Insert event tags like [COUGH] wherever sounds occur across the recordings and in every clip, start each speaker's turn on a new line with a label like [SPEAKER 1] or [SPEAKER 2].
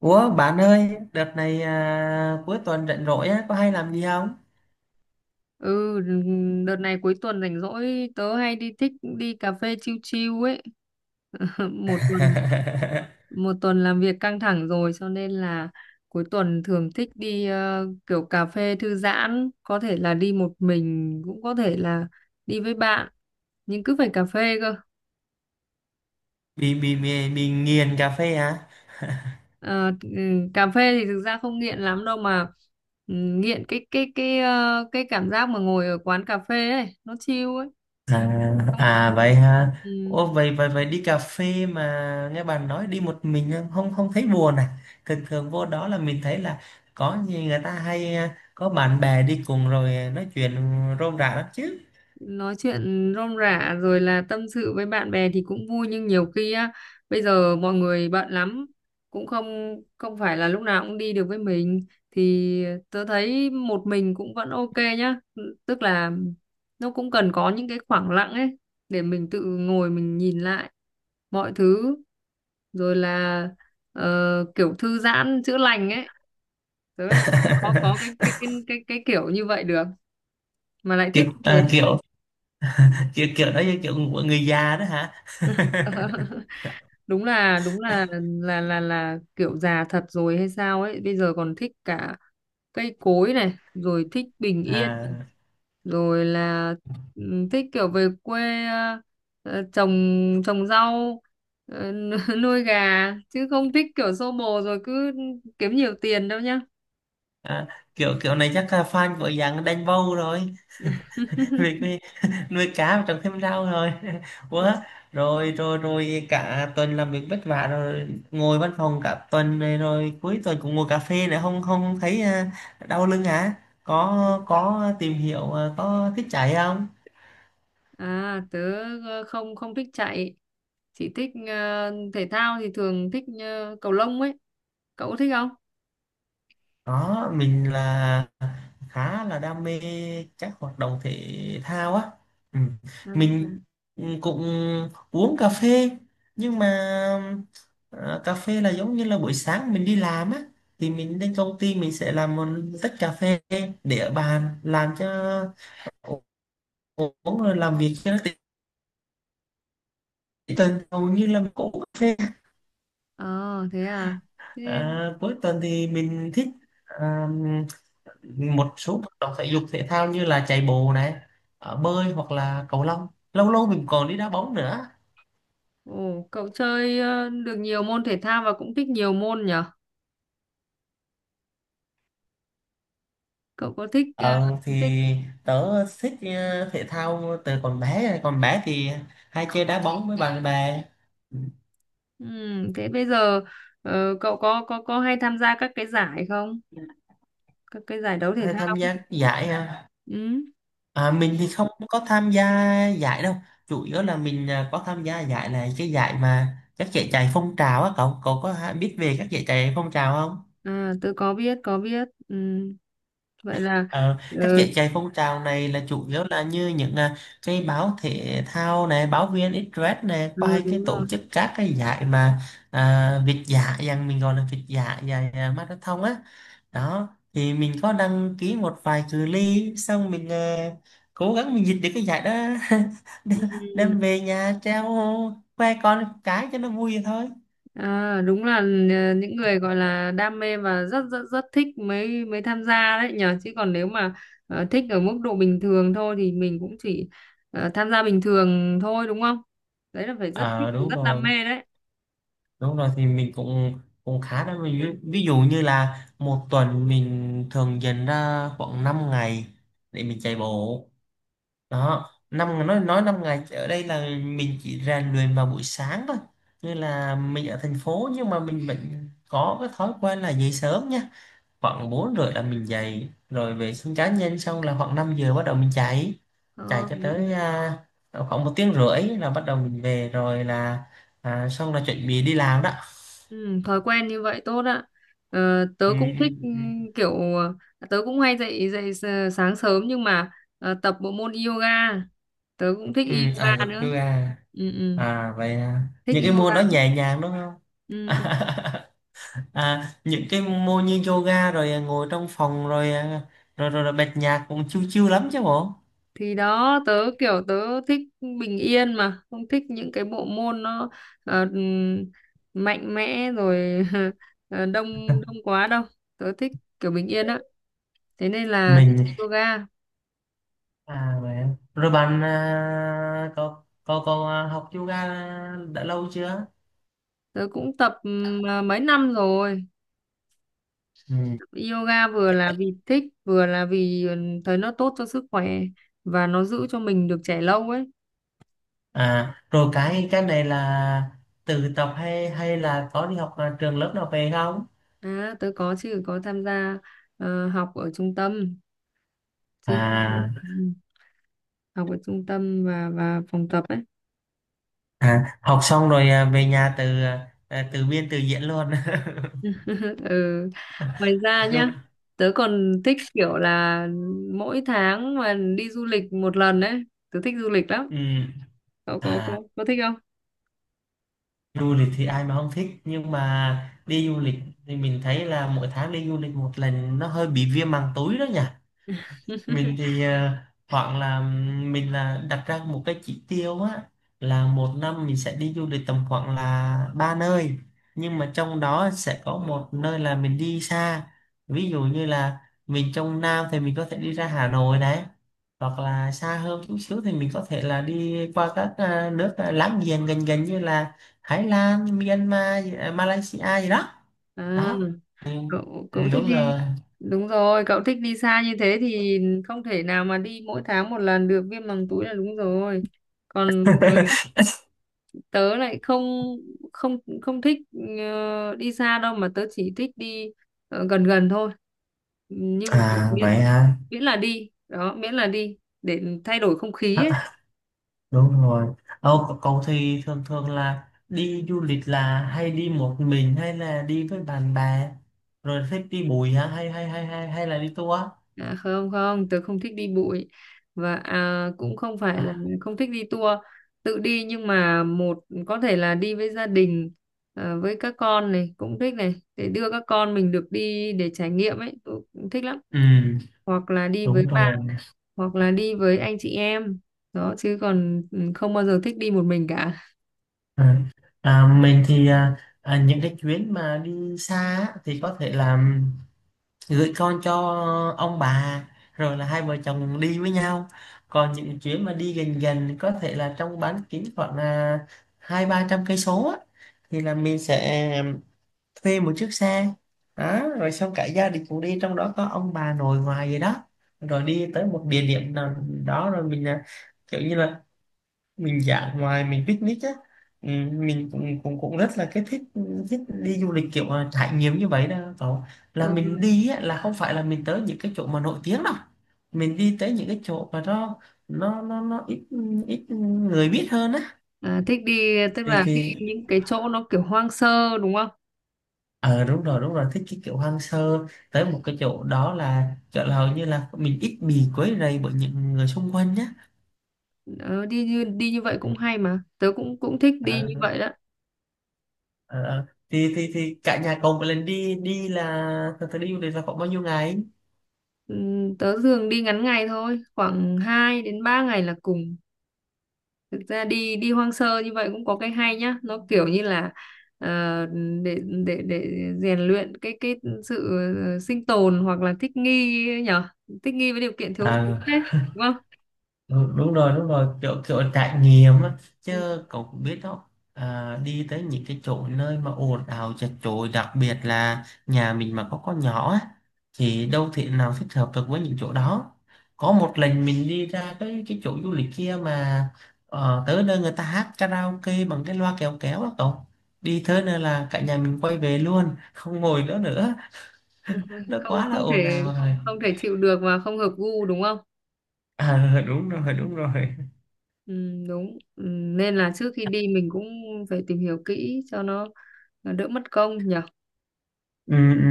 [SPEAKER 1] Ủa bạn ơi, đợt này cuối tuần rảnh rỗi á, có hay làm gì không?
[SPEAKER 2] Ừ, đợt này cuối tuần rảnh rỗi tớ hay đi thích đi cà phê chill chill ấy. [LAUGHS] Một tuần
[SPEAKER 1] [LAUGHS]
[SPEAKER 2] một tuần làm việc căng thẳng rồi cho nên là cuối tuần thường thích đi kiểu cà phê thư giãn, có thể là đi một mình cũng có thể là đi với bạn, nhưng cứ phải cà phê cơ.
[SPEAKER 1] Bị nghiền cà phê hả?
[SPEAKER 2] Ờ, ừ, cà phê thì thực ra không nghiện lắm đâu mà ừ, nghiện cái cái cảm giác mà ngồi ở quán cà phê ấy, nó chill ấy.
[SPEAKER 1] À,
[SPEAKER 2] Xong,
[SPEAKER 1] à vậy hả?
[SPEAKER 2] ừ.
[SPEAKER 1] Ủa vậy vậy vậy đi cà phê mà nghe bạn nói đi một mình không không thấy buồn à? Thường thường vô đó là mình thấy là có gì người ta hay có bạn bè đi cùng rồi nói chuyện rôm rả lắm chứ.
[SPEAKER 2] Nói chuyện rôm rả rồi là tâm sự với bạn bè thì cũng vui nhưng nhiều khi á bây giờ mọi người bận lắm cũng không không phải là lúc nào cũng đi được với mình thì tớ thấy một mình cũng vẫn ok nhá, tức là nó cũng cần có những cái khoảng lặng ấy để mình tự ngồi mình nhìn lại mọi thứ rồi là ờ, kiểu thư giãn chữa lành ấy, tớ lại không có cái
[SPEAKER 1] [LAUGHS]
[SPEAKER 2] cái cái cái, cái kiểu như vậy được mà lại thích
[SPEAKER 1] kiểu,
[SPEAKER 2] như thế.
[SPEAKER 1] à, kiểu kiểu đó như kiểu của người già đó hả?
[SPEAKER 2] [LAUGHS] Đúng là kiểu già thật rồi hay sao ấy bây giờ còn thích cả cây cối này rồi thích bình
[SPEAKER 1] [LAUGHS]
[SPEAKER 2] yên
[SPEAKER 1] à.
[SPEAKER 2] rồi là ừ, thích kiểu về quê trồng trồng rau. ờ, [LAUGHS] Nuôi gà chứ không thích kiểu xô bồ rồi cứ kiếm nhiều tiền đâu nhá.
[SPEAKER 1] À, kiểu kiểu này chắc là fan của dạng đánh bầu rồi. [LAUGHS] vì
[SPEAKER 2] [LAUGHS]
[SPEAKER 1] cái- nuôi cá và trồng thêm rau rồi [LAUGHS] quá. Rồi rồi rồi cả tuần làm việc vất vả rồi ngồi văn phòng cả tuần này rồi cuối tuần cũng ngồi cà phê nữa, không không thấy đau lưng hả? Có tìm hiểu có thích chạy không?
[SPEAKER 2] À tớ không không thích chạy, chỉ thích thể thao thì thường thích cầu lông ấy, cậu có thích không?
[SPEAKER 1] Đó, mình là khá là đam mê các hoạt động thể thao á. Ừ.
[SPEAKER 2] À,
[SPEAKER 1] Mình cũng uống cà phê nhưng mà ờ, cà phê là giống như là buổi sáng mình đi làm á, thì mình đến công ty mình sẽ làm một tách cà phê để ở bàn làm cho uống rồi làm việc cho nó tỉnh. Tuần hầu như là mình cũng uống cà phê.
[SPEAKER 2] ờ thế à. Thế
[SPEAKER 1] Cuối tuần thì mình thích một số hoạt động thể dục thể thao như là chạy bộ này, bơi hoặc là cầu lông. Lâu lâu mình còn đi đá bóng nữa.
[SPEAKER 2] ồ cậu chơi được nhiều môn thể thao và cũng thích nhiều môn nhở? Cậu có thích
[SPEAKER 1] ờ
[SPEAKER 2] thích
[SPEAKER 1] thì tớ thích thể thao từ còn bé. Còn bé thì hay chơi đá bóng với bạn bè.
[SPEAKER 2] ừ, thế bây giờ cậu có hay tham gia các cái giải không? Các cái giải đấu thể
[SPEAKER 1] Hay tham
[SPEAKER 2] thao.
[SPEAKER 1] gia giải à.
[SPEAKER 2] Ừ.
[SPEAKER 1] À, mình thì không có tham gia giải đâu, chủ yếu là mình có tham gia giải này, cái giải mà các giải chạy phong trào á. Cậu cậu biết về các giải chạy phong trào không?
[SPEAKER 2] À tôi có biết. Ừ. Vậy là
[SPEAKER 1] Ờ,
[SPEAKER 2] ờ,
[SPEAKER 1] các giải chạy phong trào này là chủ yếu là như những cái báo thể thao này, báo viên Express này, có
[SPEAKER 2] ừ,
[SPEAKER 1] hay cái
[SPEAKER 2] đúng
[SPEAKER 1] tổ
[SPEAKER 2] rồi.
[SPEAKER 1] chức các cái giải mà việt dã, rằng mình gọi là việt dã, giải marathon á. Đó, thì mình có đăng ký một vài cự ly, xong mình cố gắng mình giật được cái giải đó, [LAUGHS] đem
[SPEAKER 2] Ừ.
[SPEAKER 1] đem về nhà treo khoe con cái cho nó vui vậy thôi.
[SPEAKER 2] À, đúng là những người gọi là đam mê và rất rất rất thích mới mới tham gia đấy nhở, chứ còn nếu mà thích ở mức độ bình thường thôi thì mình cũng chỉ tham gia bình thường thôi đúng không? Đấy là phải rất thích
[SPEAKER 1] Ờ, đúng
[SPEAKER 2] rất đam
[SPEAKER 1] rồi.
[SPEAKER 2] mê đấy.
[SPEAKER 1] Đúng rồi, thì mình cũng cũng khá đó. Mình ví dụ như là một tuần mình thường dành ra khoảng 5 ngày để mình chạy bộ. Đó, năm nói 5 ngày ở đây là mình chỉ rèn luyện vào buổi sáng thôi. Như là mình ở thành phố nhưng mà mình vẫn có cái thói quen là dậy sớm nha. Khoảng 4 rưỡi là mình dậy rồi vệ sinh cá nhân xong, là khoảng 5 giờ bắt đầu mình chạy. Chạy
[SPEAKER 2] Ờ,
[SPEAKER 1] cho
[SPEAKER 2] vậy
[SPEAKER 1] tới
[SPEAKER 2] là-
[SPEAKER 1] khoảng 1 tiếng rưỡi là bắt đầu mình về rồi là xong là chuẩn bị đi làm đó.
[SPEAKER 2] ừ, thói quen như vậy tốt ạ. Ờ, tớ
[SPEAKER 1] Ừ,
[SPEAKER 2] cũng thích
[SPEAKER 1] ừ,
[SPEAKER 2] ừ,
[SPEAKER 1] ừ.
[SPEAKER 2] kiểu tớ cũng hay dậy dậy sáng sớm nhưng mà tập bộ môn yoga. Tớ cũng thích
[SPEAKER 1] Ừ, Ai
[SPEAKER 2] yoga
[SPEAKER 1] Cập chú
[SPEAKER 2] nữa.
[SPEAKER 1] Ba.
[SPEAKER 2] Ừ, ừ,
[SPEAKER 1] À vậy à.
[SPEAKER 2] thích
[SPEAKER 1] Những cái môn
[SPEAKER 2] yoga.
[SPEAKER 1] đó nhẹ nhàng đúng không?
[SPEAKER 2] Ừ. Ừ.
[SPEAKER 1] [LAUGHS] À, những cái môn như yoga rồi ngồi trong phòng rồi rồi bật nhạc cũng chill chill lắm chứ bộ.
[SPEAKER 2] Thì đó tớ kiểu tớ thích bình yên mà không thích những cái bộ môn nó ờ, mạnh mẽ rồi [LAUGHS] đông đông quá đâu, tớ thích kiểu bình yên á, thế nên là thích
[SPEAKER 1] Mình
[SPEAKER 2] yoga.
[SPEAKER 1] à vậy à. Rồi bạn có học yoga đã lâu chưa?
[SPEAKER 2] Tớ cũng tập mấy năm rồi,
[SPEAKER 1] Ừ.
[SPEAKER 2] yoga vừa là vì thích vừa là vì ừ, thấy nó tốt cho sức khỏe và nó giữ cho mình được trẻ lâu ấy.
[SPEAKER 1] À rồi cái này là tự tập hay hay là có đi học trường lớp nào về không?
[SPEAKER 2] À, tớ có chứ, có tham gia học ở trung tâm chứ, ừ,
[SPEAKER 1] À.
[SPEAKER 2] học ở trung tâm và phòng tập ấy.
[SPEAKER 1] À, học xong rồi về nhà từ biên từ diễn luôn. [LAUGHS]
[SPEAKER 2] Ừ. Ngoài ra
[SPEAKER 1] Đu,
[SPEAKER 2] nhá, tớ còn thích kiểu là mỗi tháng mà đi du lịch một lần đấy, tớ thích du lịch lắm.
[SPEAKER 1] ừm,
[SPEAKER 2] Cậu có
[SPEAKER 1] à,
[SPEAKER 2] có, có thích không?
[SPEAKER 1] du lịch thì ai mà không thích, nhưng mà đi du lịch thì mình thấy là mỗi tháng đi du lịch một lần nó hơi bị viêm màng túi đó nhỉ.
[SPEAKER 2] [LAUGHS]
[SPEAKER 1] Mình thì hoặc là mình là đặt ra một cái chỉ tiêu á, là một năm mình sẽ đi du lịch tầm khoảng là ba nơi, nhưng mà trong đó sẽ có một nơi là mình đi xa. Ví dụ như là mình trong Nam thì mình có thể đi ra Hà Nội này, hoặc là xa hơn chút xíu thì mình có thể là đi qua các nước láng giềng gần gần như là Thái Lan, Myanmar, à, Malaysia gì đó.
[SPEAKER 2] À,
[SPEAKER 1] Đó. Ừ,
[SPEAKER 2] cậu cậu thích
[SPEAKER 1] đúng
[SPEAKER 2] đi.
[SPEAKER 1] rồi.
[SPEAKER 2] Đúng rồi, cậu thích đi xa như thế thì không thể nào mà đi mỗi tháng một lần được, viêm màng túi là đúng rồi. Còn tớ
[SPEAKER 1] [LAUGHS]
[SPEAKER 2] tớ lại không không không thích đi xa đâu mà tớ chỉ thích đi gần gần thôi, nhưng chỉ
[SPEAKER 1] À
[SPEAKER 2] miễn
[SPEAKER 1] vậy à,
[SPEAKER 2] miễn là đi đó, miễn là đi để thay đổi không khí ấy.
[SPEAKER 1] đúng rồi. Ồ, cậu thì thường thường là đi du lịch là hay đi một mình hay là đi với bạn bè, rồi thích đi bụi hả hay hay hay hay hay là đi tour?
[SPEAKER 2] À, không không tớ không thích đi bụi và à, cũng không phải là không thích đi tour, tự đi nhưng mà một có thể là đi với gia đình với các con này cũng thích này để đưa các con mình được đi để trải nghiệm ấy tớ cũng thích lắm,
[SPEAKER 1] Ừ,
[SPEAKER 2] hoặc là đi với
[SPEAKER 1] đúng
[SPEAKER 2] bạn,
[SPEAKER 1] rồi.
[SPEAKER 2] hoặc là đi với anh chị em đó, chứ còn ừ, không bao giờ thích đi một mình cả.
[SPEAKER 1] à, mình thì những cái chuyến mà đi xa á, thì có thể là gửi con cho ông bà rồi là hai vợ chồng đi với nhau. Còn những chuyến mà đi gần gần có thể là trong bán kính khoảng là 200-300 cây số á, thì là mình sẽ thuê một chiếc xe. Đó, rồi xong cả gia đình cũng đi, trong đó có ông bà nội ngoại gì đó, rồi đi tới một địa điểm nào đó, rồi mình kiểu như là mình dã ngoại, mình picnic á. Ừ, mình cũng cũng cũng rất là cái thích, thích đi du lịch kiểu trải nghiệm như vậy đó cậu.
[SPEAKER 2] Ờ,
[SPEAKER 1] Là mình đi á, là không phải là mình tới những cái chỗ mà nổi tiếng đâu, mình đi tới những cái chỗ mà nó ít, ít người biết hơn á.
[SPEAKER 2] à, thích đi, tức
[SPEAKER 1] thì
[SPEAKER 2] là thích
[SPEAKER 1] thì
[SPEAKER 2] đi những cái chỗ nó kiểu hoang sơ đúng không?
[SPEAKER 1] ờ đúng rồi, đúng rồi, thích cái kiểu hoang sơ. Tới một cái chỗ đó là chỗ là hầu như là mình ít bị quấy rầy bởi những người xung quanh nhá.
[SPEAKER 2] Ờ, đi như vậy cũng hay mà tớ cũng cũng thích đi như
[SPEAKER 1] ờ,
[SPEAKER 2] vậy đó.
[SPEAKER 1] ờ. Thì cả nhà cậu một lần đi đi là thật sự đi du lịch là khoảng bao nhiêu ngày?
[SPEAKER 2] Tớ thường đi ngắn ngày thôi, khoảng 2 đến 3 ngày là cùng. Thực ra đi đi hoang sơ như vậy cũng có cái hay nhá, nó kiểu như là ờ, để để rèn luyện cái sự sinh tồn hoặc là thích nghi nhở, thích nghi với điều kiện thiếu thốn
[SPEAKER 1] Ờ,
[SPEAKER 2] đấy, đúng không?
[SPEAKER 1] đúng rồi, đúng rồi, kiểu kiểu trải nghiệm á.
[SPEAKER 2] Ừ.
[SPEAKER 1] Chứ cậu cũng biết đó, đi tới những cái chỗ nơi mà ồn ào chật chội, đặc biệt là nhà mình mà có con nhỏ á, thì đâu thể nào thích hợp được với những chỗ đó. Có một lần mình đi ra cái chỗ du lịch kia mà tới nơi người ta hát karaoke bằng cái loa kéo kéo á cậu, đi tới nơi là cả nhà mình quay về luôn không ngồi nữa nữa.
[SPEAKER 2] [LAUGHS]
[SPEAKER 1] Nó
[SPEAKER 2] không
[SPEAKER 1] quá là
[SPEAKER 2] không
[SPEAKER 1] ồn
[SPEAKER 2] thể,
[SPEAKER 1] ào rồi.
[SPEAKER 2] không thể chịu được và không hợp gu đúng không?
[SPEAKER 1] À [LAUGHS] đúng rồi, đúng rồi.
[SPEAKER 2] Ừ, đúng ừ, nên là trước khi đi mình cũng phải tìm hiểu kỹ cho nó đỡ mất công nhỉ.
[SPEAKER 1] Ừ, ừ.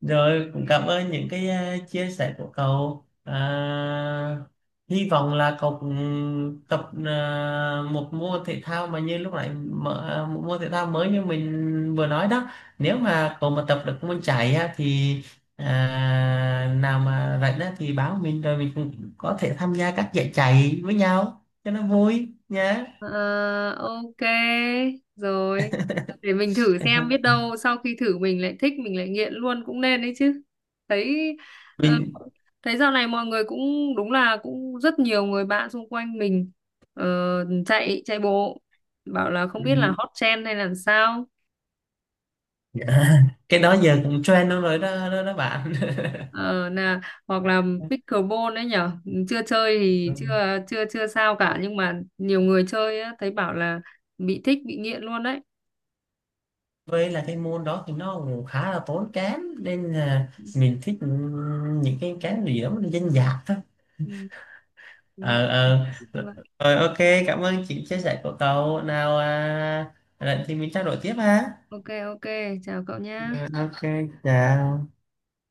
[SPEAKER 1] Rồi cũng cảm ơn những cái chia sẻ của cậu. À, hy vọng là cậu cũng tập một môn thể thao mà như lúc nãy mở, một môn thể thao mới như mình vừa nói đó. Nếu mà cậu mà tập được môn chạy á, thì à, nào mà rảnh á, thì báo mình, rồi mình cũng có thể tham gia các giải chạy với nhau cho nó vui nhé.
[SPEAKER 2] Ờ, ok rồi, để mình thử xem biết
[SPEAKER 1] [LAUGHS]
[SPEAKER 2] đâu sau khi thử mình lại thích mình lại nghiện luôn cũng nên đấy chứ. Thấy ờ,
[SPEAKER 1] Mình
[SPEAKER 2] thấy dạo này mọi người cũng đúng là cũng rất nhiều người bạn xung quanh mình ờ, chạy chạy bộ bảo là không biết là
[SPEAKER 1] ừ,
[SPEAKER 2] hot trend hay là sao.
[SPEAKER 1] dạ. Cái đó giờ cũng trend luôn rồi, đó đó, đó bạn.
[SPEAKER 2] Ờ, là hoặc là pickleball đấy nhở, chưa chơi thì
[SPEAKER 1] [LAUGHS]
[SPEAKER 2] chưa chưa chưa sao cả nhưng mà nhiều người chơi á, thấy bảo là bị thích bị nghiện luôn đấy.
[SPEAKER 1] Với là cái môn đó thì nó cũng khá là tốn kém nên là mình thích những cái gì đó nó dân dã thôi.
[SPEAKER 2] Ừ, đúng rồi.
[SPEAKER 1] Ờ ờ.
[SPEAKER 2] Như vậy.
[SPEAKER 1] Rồi ok, cảm ơn chị chia sẻ của cậu. Nào à, lần thì mình trao đổi tiếp ha.
[SPEAKER 2] Ok ok, chào cậu nhá.
[SPEAKER 1] Ờ, ok, chào.